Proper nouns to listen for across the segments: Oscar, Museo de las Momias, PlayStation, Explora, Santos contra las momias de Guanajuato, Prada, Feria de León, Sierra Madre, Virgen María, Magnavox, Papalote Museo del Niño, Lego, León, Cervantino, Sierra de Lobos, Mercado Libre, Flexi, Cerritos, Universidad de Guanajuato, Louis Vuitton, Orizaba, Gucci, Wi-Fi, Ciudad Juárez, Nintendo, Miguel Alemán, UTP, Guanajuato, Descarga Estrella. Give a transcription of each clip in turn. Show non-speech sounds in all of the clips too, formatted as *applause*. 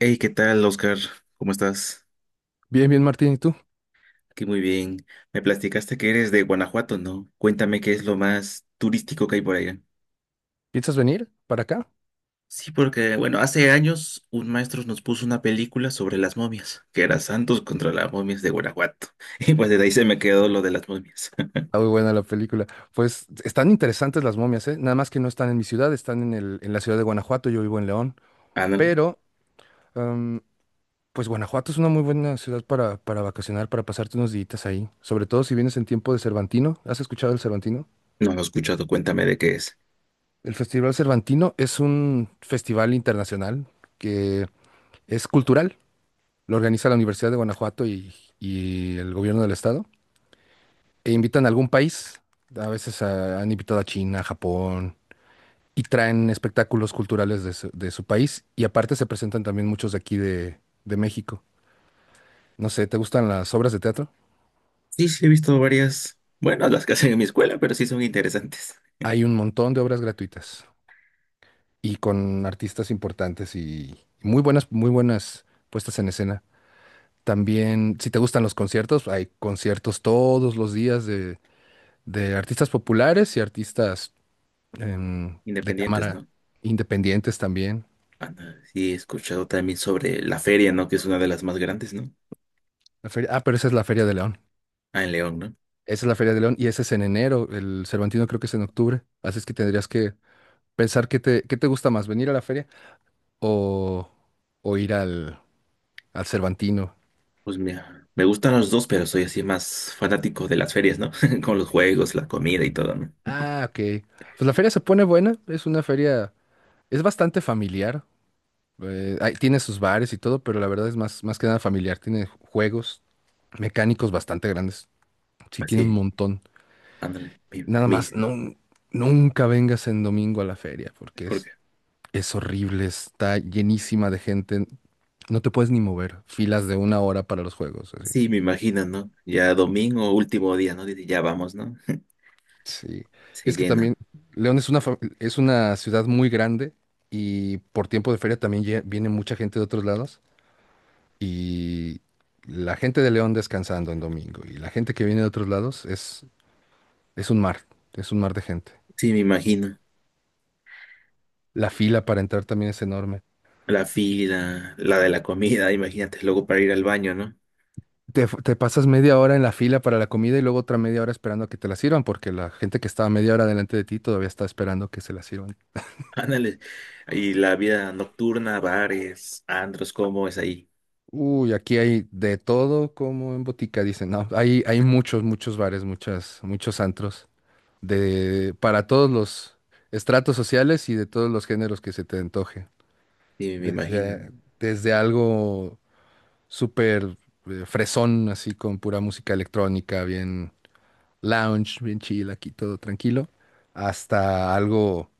Hey, ¿qué tal, Oscar? ¿Cómo estás? Bien, bien, Martín, ¿y tú? Aquí muy bien. Me platicaste que eres de Guanajuato, ¿no? Cuéntame qué es lo más turístico que hay por allá. ¿Piensas venir para acá? Sí, porque, bueno, hace años un maestro nos puso una película sobre las momias, que era Santos contra las momias de Guanajuato. *laughs* Y pues desde ahí se me quedó lo de las momias. Está muy buena la película. Pues están interesantes las momias, ¿eh? Nada más que no están en mi ciudad, están en la ciudad de Guanajuato, yo vivo en León, *laughs* Ah, no, pero em, pues Guanajuato es una muy buena ciudad para vacacionar, para pasarte unos días ahí, sobre todo si vienes en tiempo de Cervantino. ¿Has escuchado el Cervantino? no lo he escuchado, cuéntame de qué es. El Festival Cervantino es un festival internacional que es cultural, lo organiza la Universidad de Guanajuato y el gobierno del estado. E invitan a algún país, a veces han invitado a China, Japón, y traen espectáculos culturales de su país, y aparte se presentan también muchos de aquí de México. No sé, ¿te gustan las obras de teatro? Sí, sí, he visto varias, bueno, las que hacen en mi escuela, pero sí son interesantes. Hay un montón de obras gratuitas y con artistas importantes y muy buenas puestas en escena. También, si te gustan los conciertos, hay conciertos todos los días de artistas populares y artistas *laughs* de Independientes, cámara ¿no? independientes también. Ah, no, sí, he escuchado también sobre la feria, ¿no? Que es una de las más grandes, ¿no? La feria, ah, pero esa es la Feria de León. Ah, en León, ¿no? Esa es la Feria de León y ese es en enero. El Cervantino creo que es en octubre. Así es que tendrías que pensar qué te gusta más, venir a la feria o, o ir al Cervantino. Pues mira, me gustan los dos, pero soy así más fanático de las ferias, ¿no? *laughs* Con los juegos, la comida y todo, ¿no? Ah, ok. Pues la feria se pone buena. Es una feria, es bastante familiar. Ahí tiene sus bares y todo, pero la verdad es más, más que nada familiar. Tiene juegos mecánicos bastante grandes. Sí, tiene un Así, montón. ándale, Nada más, no, nunca vengas en domingo a la feria porque es porque Es horrible, está llenísima de gente. No te puedes ni mover. Filas de una hora para los juegos. Así. sí, me imagino, ¿no? Ya domingo, último día, ¿no? Dice, ya vamos, ¿no? Sí. *laughs* Y Se es que también llenan. León es una ciudad muy grande y por tiempo de feria también viene mucha gente de otros lados. Y la gente de León descansando en domingo y la gente que viene de otros lados es un mar, es un mar de gente. Sí, me imagino. La fila para entrar también es enorme. La fila, la de la comida, imagínate, luego para ir al baño, ¿no? Te pasas media hora en la fila para la comida y luego otra media hora esperando a que te la sirvan, porque la gente que estaba media hora delante de ti todavía está esperando que se la sirvan. *laughs* Ándale. Y la vida nocturna, bares, antros, ¿cómo es ahí? Uy, aquí hay de todo como en botica, dicen. No, hay muchos bares, muchos antros, para todos los estratos sociales y de todos los géneros que se te antoje. Sí, me imagino, ¿no? Desde, desde algo súper fresón, así con pura música electrónica, bien lounge, bien chill, aquí todo tranquilo, hasta algo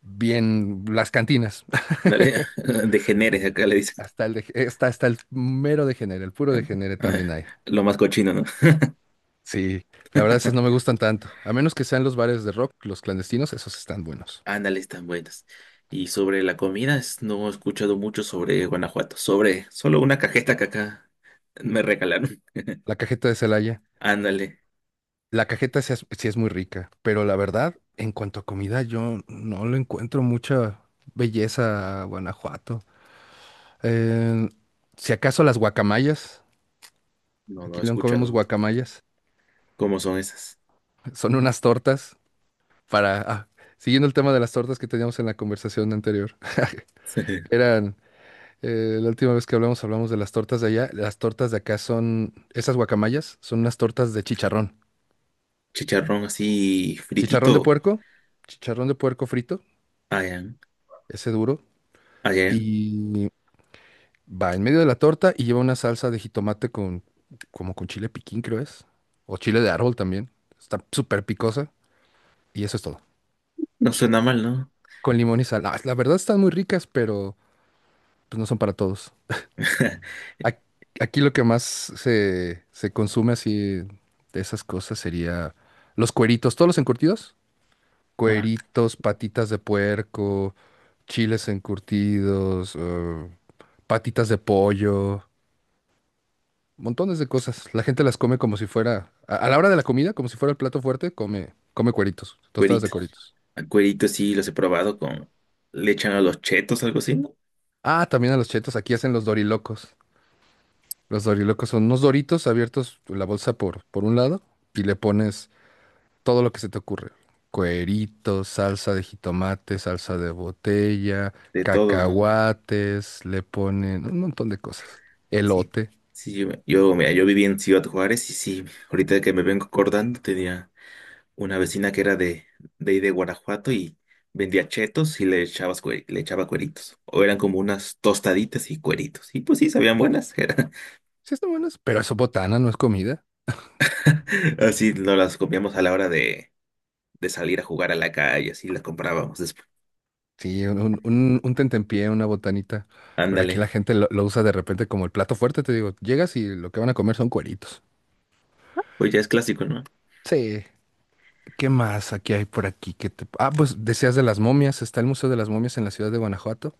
bien, las cantinas, Ándale, *laughs* degeneres, acá le dicen. *laughs* Hasta el mero degenere, el puro degenere también hay. *laughs* Lo más cochino, ¿no? Sí, la verdad esas no me gustan tanto, a menos que sean los bares de rock, los clandestinos, esos están buenos. Ándale, están buenas. Y sobre la comida, no he escuchado mucho sobre Guanajuato. Sobre solo una cajeta que acá me regalaron. La cajeta de Celaya, *laughs* Ándale. la cajeta sí es muy rica, pero la verdad, en cuanto a comida, yo no le encuentro mucha belleza a Guanajuato. Eh, si acaso las guacamayas, No, no aquí he en León comemos escuchado guacamayas, cómo son esas. son unas tortas para, ah, siguiendo el tema de las tortas que teníamos en la conversación anterior, *laughs* *laughs* eran, la última vez que hablamos, hablamos de las tortas de allá, las tortas de acá son, esas guacamayas, son unas tortas de chicharrón, Chicharrón así chicharrón de fritito. puerco, chicharrón de puerco frito, Allá, ese duro, allá. y va en medio de la torta y lleva una salsa de jitomate como con chile piquín, creo es, o chile de árbol también, está súper picosa, y eso es todo, No suena mal, ¿no? con limón y sal. Ah, la verdad están muy ricas, pero pues no son para todos. *laughs* Ac- Aquí lo que más se consume así de esas cosas sería los cueritos, todos los encurtidos. Ajá. Cueritos, patitas de puerco, chiles encurtidos, patitas de pollo, montones de cosas. La gente las come como si fuera, a la hora de la comida, como si fuera el plato fuerte, come, come cueritos, tostadas de Cuerito. cueritos. Ah, cuerito sí los he probado con... Le echan a los chetos, algo así, ¿no? Ah, también a los chetos, aquí hacen los dorilocos. Los dorilocos son unos doritos abiertos, la bolsa por un lado, y le pones todo lo que se te ocurre. Cueritos, salsa de jitomate, salsa de botella, De todo, ¿no? cacahuates, le ponen un montón de cosas. Sí. Elote. Sí, mira, yo viví en Ciudad Juárez y sí, ahorita que me vengo acordando tenía... una vecina que era de ahí de Guanajuato y vendía chetos y le echaba cueritos. O eran como unas tostaditas y cueritos. Y pues sí, sabían buenas. *laughs* Sí, están buenas, pero eso es botana, no es comida. Así nos las comíamos a la hora de salir a jugar a la calle, así las comprábamos después. Sí, un tentempié, una botanita. Pero aquí Ándale, la gente lo usa de repente como el plato fuerte, te digo. Llegas y lo que van a comer son cueritos. pues ya es clásico, ¿no? Sí. ¿Qué más aquí hay por aquí? Ah, pues decías de las momias. Está el Museo de las Momias en la ciudad de Guanajuato.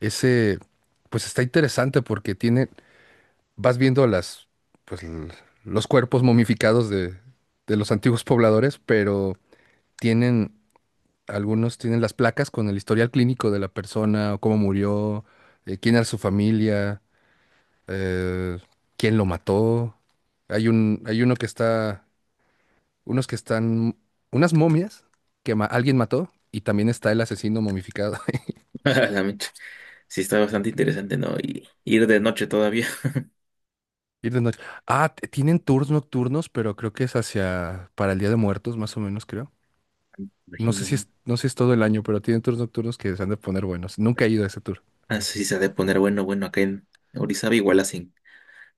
Ese, pues está interesante porque tiene vas viendo pues, l- los cuerpos momificados de los antiguos pobladores, pero tienen, algunos tienen las placas con el historial clínico de la persona, o cómo murió, quién era su familia, eh, quién lo mató. Hay uno que está, unos que están, unas momias que alguien mató. Y también está el asesino momificado. *laughs* *laughs* A la mecha. Sí, está bastante interesante, ¿no? Y ir de noche todavía. Ir de noche. Ah, tienen tours nocturnos, pero creo que es hacia para el Día de Muertos, más o menos, creo. *laughs* No sé si Imagino. es, no sé si es todo el año, pero tienen tours nocturnos que se han de poner buenos. Nunca he ido a ese tour. Así se ha de poner bueno, bueno, acá en Orizaba igual hacen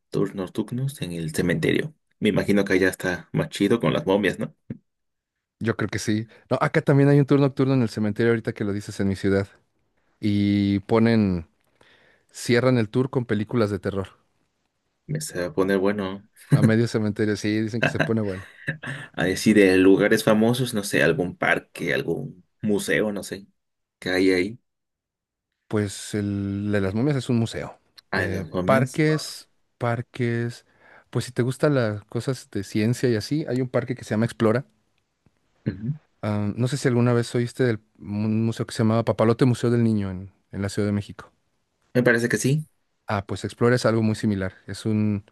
turnos nocturnos en el cementerio. Me imagino que allá está más chido con las momias, ¿no? Yo creo que sí. No, acá también hay un tour nocturno en el cementerio, ahorita que lo dices en mi ciudad. Y cierran el tour con películas de terror. Me se va a poner bueno A medio cementerio, sí, dicen que se pone bueno. a decir lugares famosos, no sé, algún parque, algún museo, no sé, que hay ahí. Pues el de las momias es un museo. Ah, en Eh, las momias. parques, parques. Pues si te gustan las cosas de ciencia y así, hay un parque que se llama Explora. Ujú. Ah, no sé si alguna vez oíste del un museo que se llamaba Papalote Museo del Niño en la Ciudad de México. Me parece que sí. Ah, pues Explora es algo muy similar. Es un,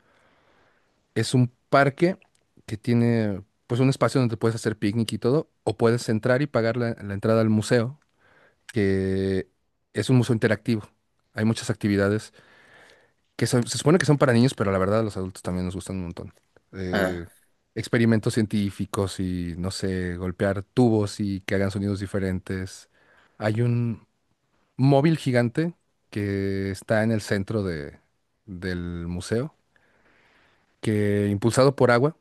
es un parque que tiene pues un espacio donde puedes hacer picnic y todo, o puedes entrar y pagar la entrada al museo, que es un museo interactivo. Hay muchas actividades que se supone que son para niños, pero la verdad a los adultos también nos gustan un montón. Ah, Eh, experimentos científicos y, no sé, golpear tubos y que hagan sonidos diferentes. Hay un móvil gigante que está en el centro del museo que impulsado por agua,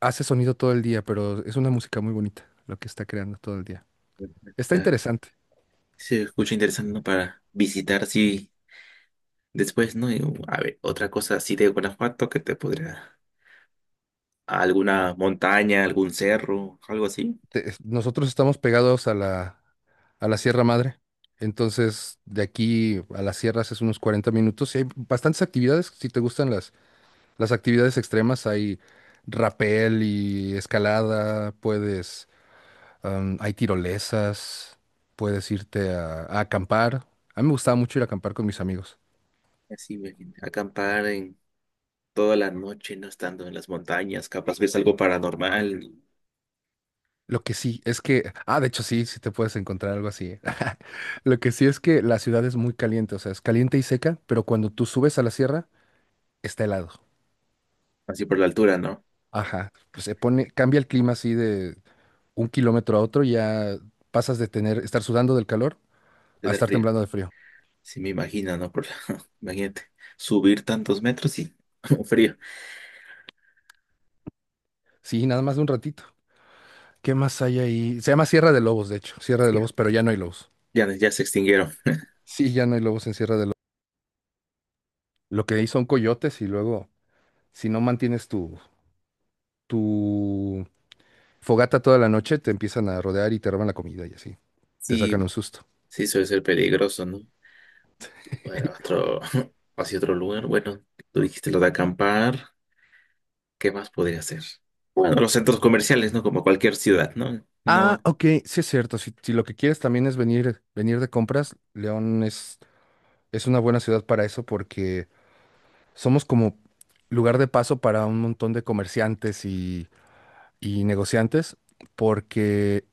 hace sonido todo el día, pero es una música muy bonita lo que está creando todo el día. Está está. interesante. Se escucha interesante, ¿no? Para visitar, sí, después, ¿no? Y, a ver, otra cosa así de Guanajuato que te podría. Alguna montaña, algún cerro, algo así. Nosotros estamos pegados a la Sierra Madre, entonces de aquí a las sierras es unos 40 minutos y hay bastantes actividades. Si te gustan las actividades extremas, hay rapel y escalada, hay tirolesas, puedes irte a acampar. A mí me gustaba mucho ir a acampar con mis amigos. Así, ve, acampar en toda la noche, no estando en las montañas, capaz ves algo paranormal, Lo que sí es que, de hecho sí, sí te puedes encontrar algo así. ¿Eh? *laughs* Lo que sí es que la ciudad es muy caliente, o sea, es caliente y seca, pero cuando tú subes a la sierra, está helado. así por la altura, ¿no? Ajá, pues cambia el clima así de un kilómetro a otro, ya pasas estar sudando del calor a Tener estar frío. temblando de frío. Sí, me imagino, ¿no? *laughs* Imagínate, subir tantos metros y *laughs* frío. Sí, nada más de un ratito. ¿Qué más hay ahí? Se llama Sierra de Lobos, de hecho, Sierra de Sí, Lobos, pero ya no hay lobos. ya, ya se extinguieron. Sí, ya no hay lobos en Sierra de Lobos. Lo que hay son coyotes y luego, si no mantienes tu fogata toda la noche, te empiezan a rodear y te roban la comida y así. Te Sí, sacan un susto. sí, suele ser peligroso, ¿no? Bueno, otro, *laughs* hacia otro lugar. Bueno, tú dijiste lo de acampar. ¿Qué más podría hacer? Bueno, los centros comerciales, ¿no? Como cualquier ciudad, ¿no? Ah, No, ok, sí es cierto. Si lo que quieres también es venir de compras, León es una buena ciudad para eso porque somos como lugar de paso para un montón de comerciantes y negociantes porque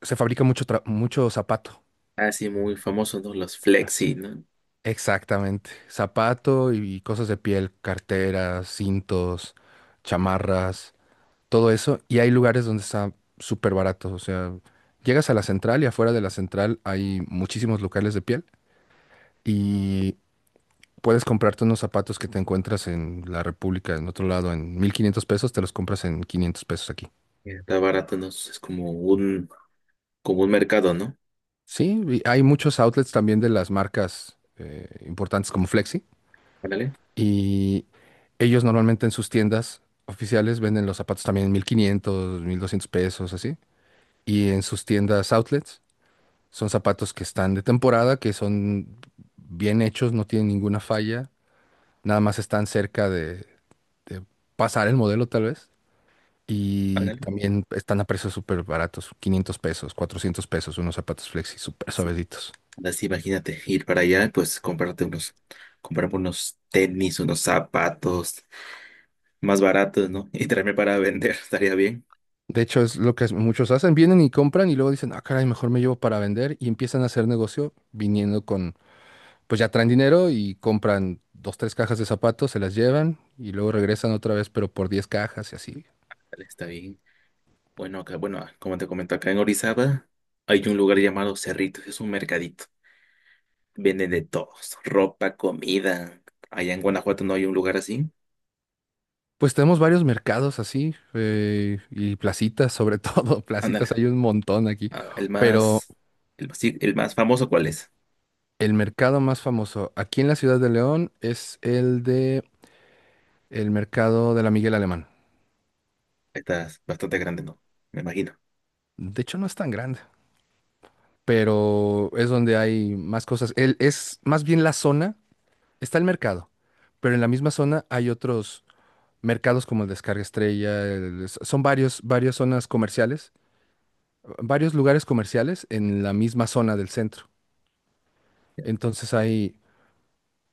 se fabrica mucho zapato. así muy famoso, ¿no? Los flexi, ¿no? Exactamente. Zapato y cosas de piel, carteras, cintos, chamarras, todo eso, y hay lugares donde está súper barato, o sea, llegas a la central y afuera de la central hay muchísimos locales de piel y puedes comprarte unos zapatos que te encuentras en la República, en otro lado, en 1,500 pesos, te los compras en 500 pesos aquí. Está barato, ¿no? Es como como un mercado, ¿no? Sí, y hay muchos outlets también de las marcas importantes como Flexi Ándale, y ellos normalmente en sus tiendas oficiales venden los zapatos también en 1,500, 1,200 pesos, así. Y en sus tiendas outlets. Son zapatos que están de temporada, que son bien hechos, no tienen ninguna falla, nada más están cerca de pasar el modelo tal vez. Y ándale. también están a precios súper baratos, 500 pesos, 400 pesos, unos zapatos flexi súper suavecitos. Así, imagínate, ir para allá, pues comprarte unos, comprarme unos tenis, unos zapatos más baratos, ¿no? *laughs* Y traerme para vender, *laughs* estaría bien. De hecho, es lo que muchos hacen, vienen y compran y luego dicen, ah, caray, mejor me llevo para vender y empiezan a hacer negocio viniendo pues ya traen dinero y compran dos, tres cajas de zapatos, se las llevan y luego regresan otra vez, pero por 10 cajas y así. Dale, está bien. Bueno, acá, bueno, como te comento, acá en Orizaba hay un lugar llamado Cerritos, es un mercadito. Venden de todos, ropa, comida. Allá en Guanajuato no hay un lugar así. Pues tenemos varios mercados así y placitas, sobre todo, *laughs* Ándale, placitas hay un montón aquí, ah, el pero más, sí, el más famoso, ¿cuál es? el mercado más famoso aquí en la ciudad de León es el mercado de la Miguel Alemán. Está bastante grande, ¿no? Me imagino. De hecho no es tan grande, pero es donde hay más cosas. Es más bien la zona, está el mercado, pero en la misma zona hay otros mercados como el Descarga Estrella, son varias zonas comerciales, varios lugares comerciales en la misma zona del centro. Entonces hay,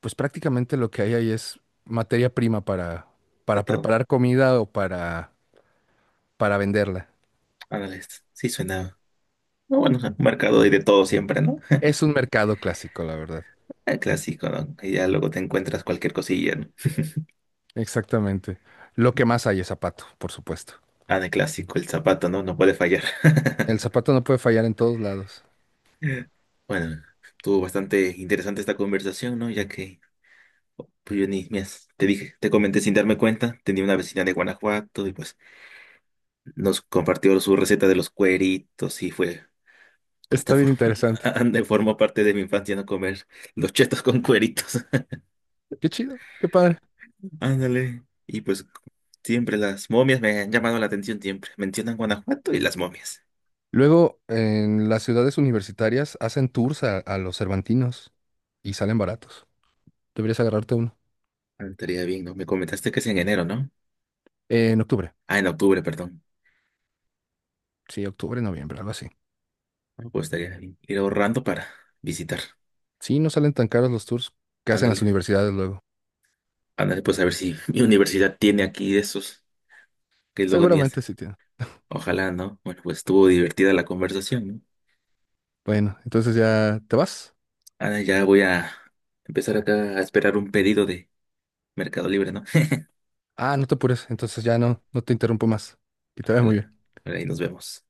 pues prácticamente lo que hay ahí es materia prima para, Está para todo. preparar comida o para venderla. Ándale, sí suena. No, bueno, un mercado hay de todo siempre, ¿no? Es un mercado clásico, la verdad. El clásico, ¿no? Y ya luego te encuentras cualquier cosilla, ¿no? Exactamente. Lo que más hay es zapato, por supuesto. Ah, el clásico, el zapato, ¿no? No puede fallar. El *laughs* zapato no puede fallar en todos lados. Bueno, estuvo bastante interesante esta conversación, ¿no? Ya que pues, yo ni me has- te dije, te comenté sin darme cuenta, tenía una vecina de Guanajuato y pues nos compartió su receta de los cueritos y fue hasta Está bien *laughs* interesante. ande, formó parte de mi infancia no comer los chetos con cueritos. Qué chido, qué padre. *laughs* Ándale. Y pues siempre las momias me han llamado la atención siempre. Mencionan Guanajuato y las momias. Luego, en las ciudades universitarias hacen tours a los cervantinos y salen baratos. Deberías agarrarte uno. Ah, estaría bien, ¿no? Me comentaste que es en enero, ¿no? En octubre. Ah, en octubre, perdón. Sí, octubre, noviembre, algo así. Ah, pues estaría bien. Ir ahorrando para visitar. Sí, no salen tan caros los tours que hacen las Ándale, universidades luego. ándale, pues a ver si *laughs* mi universidad tiene aquí de esos que luego ni es. Seguramente sí tienen. Ojalá, ¿no? Bueno, pues estuvo divertida la conversación, ¿no? Bueno, entonces ya te vas. Ah, ya voy a empezar acá a esperar un pedido de Mercado Libre, ¿no? *laughs* Ah, no te apures, entonces ya no, no te interrumpo más. Que te vaya muy Ándale, bien. ahí nos vemos.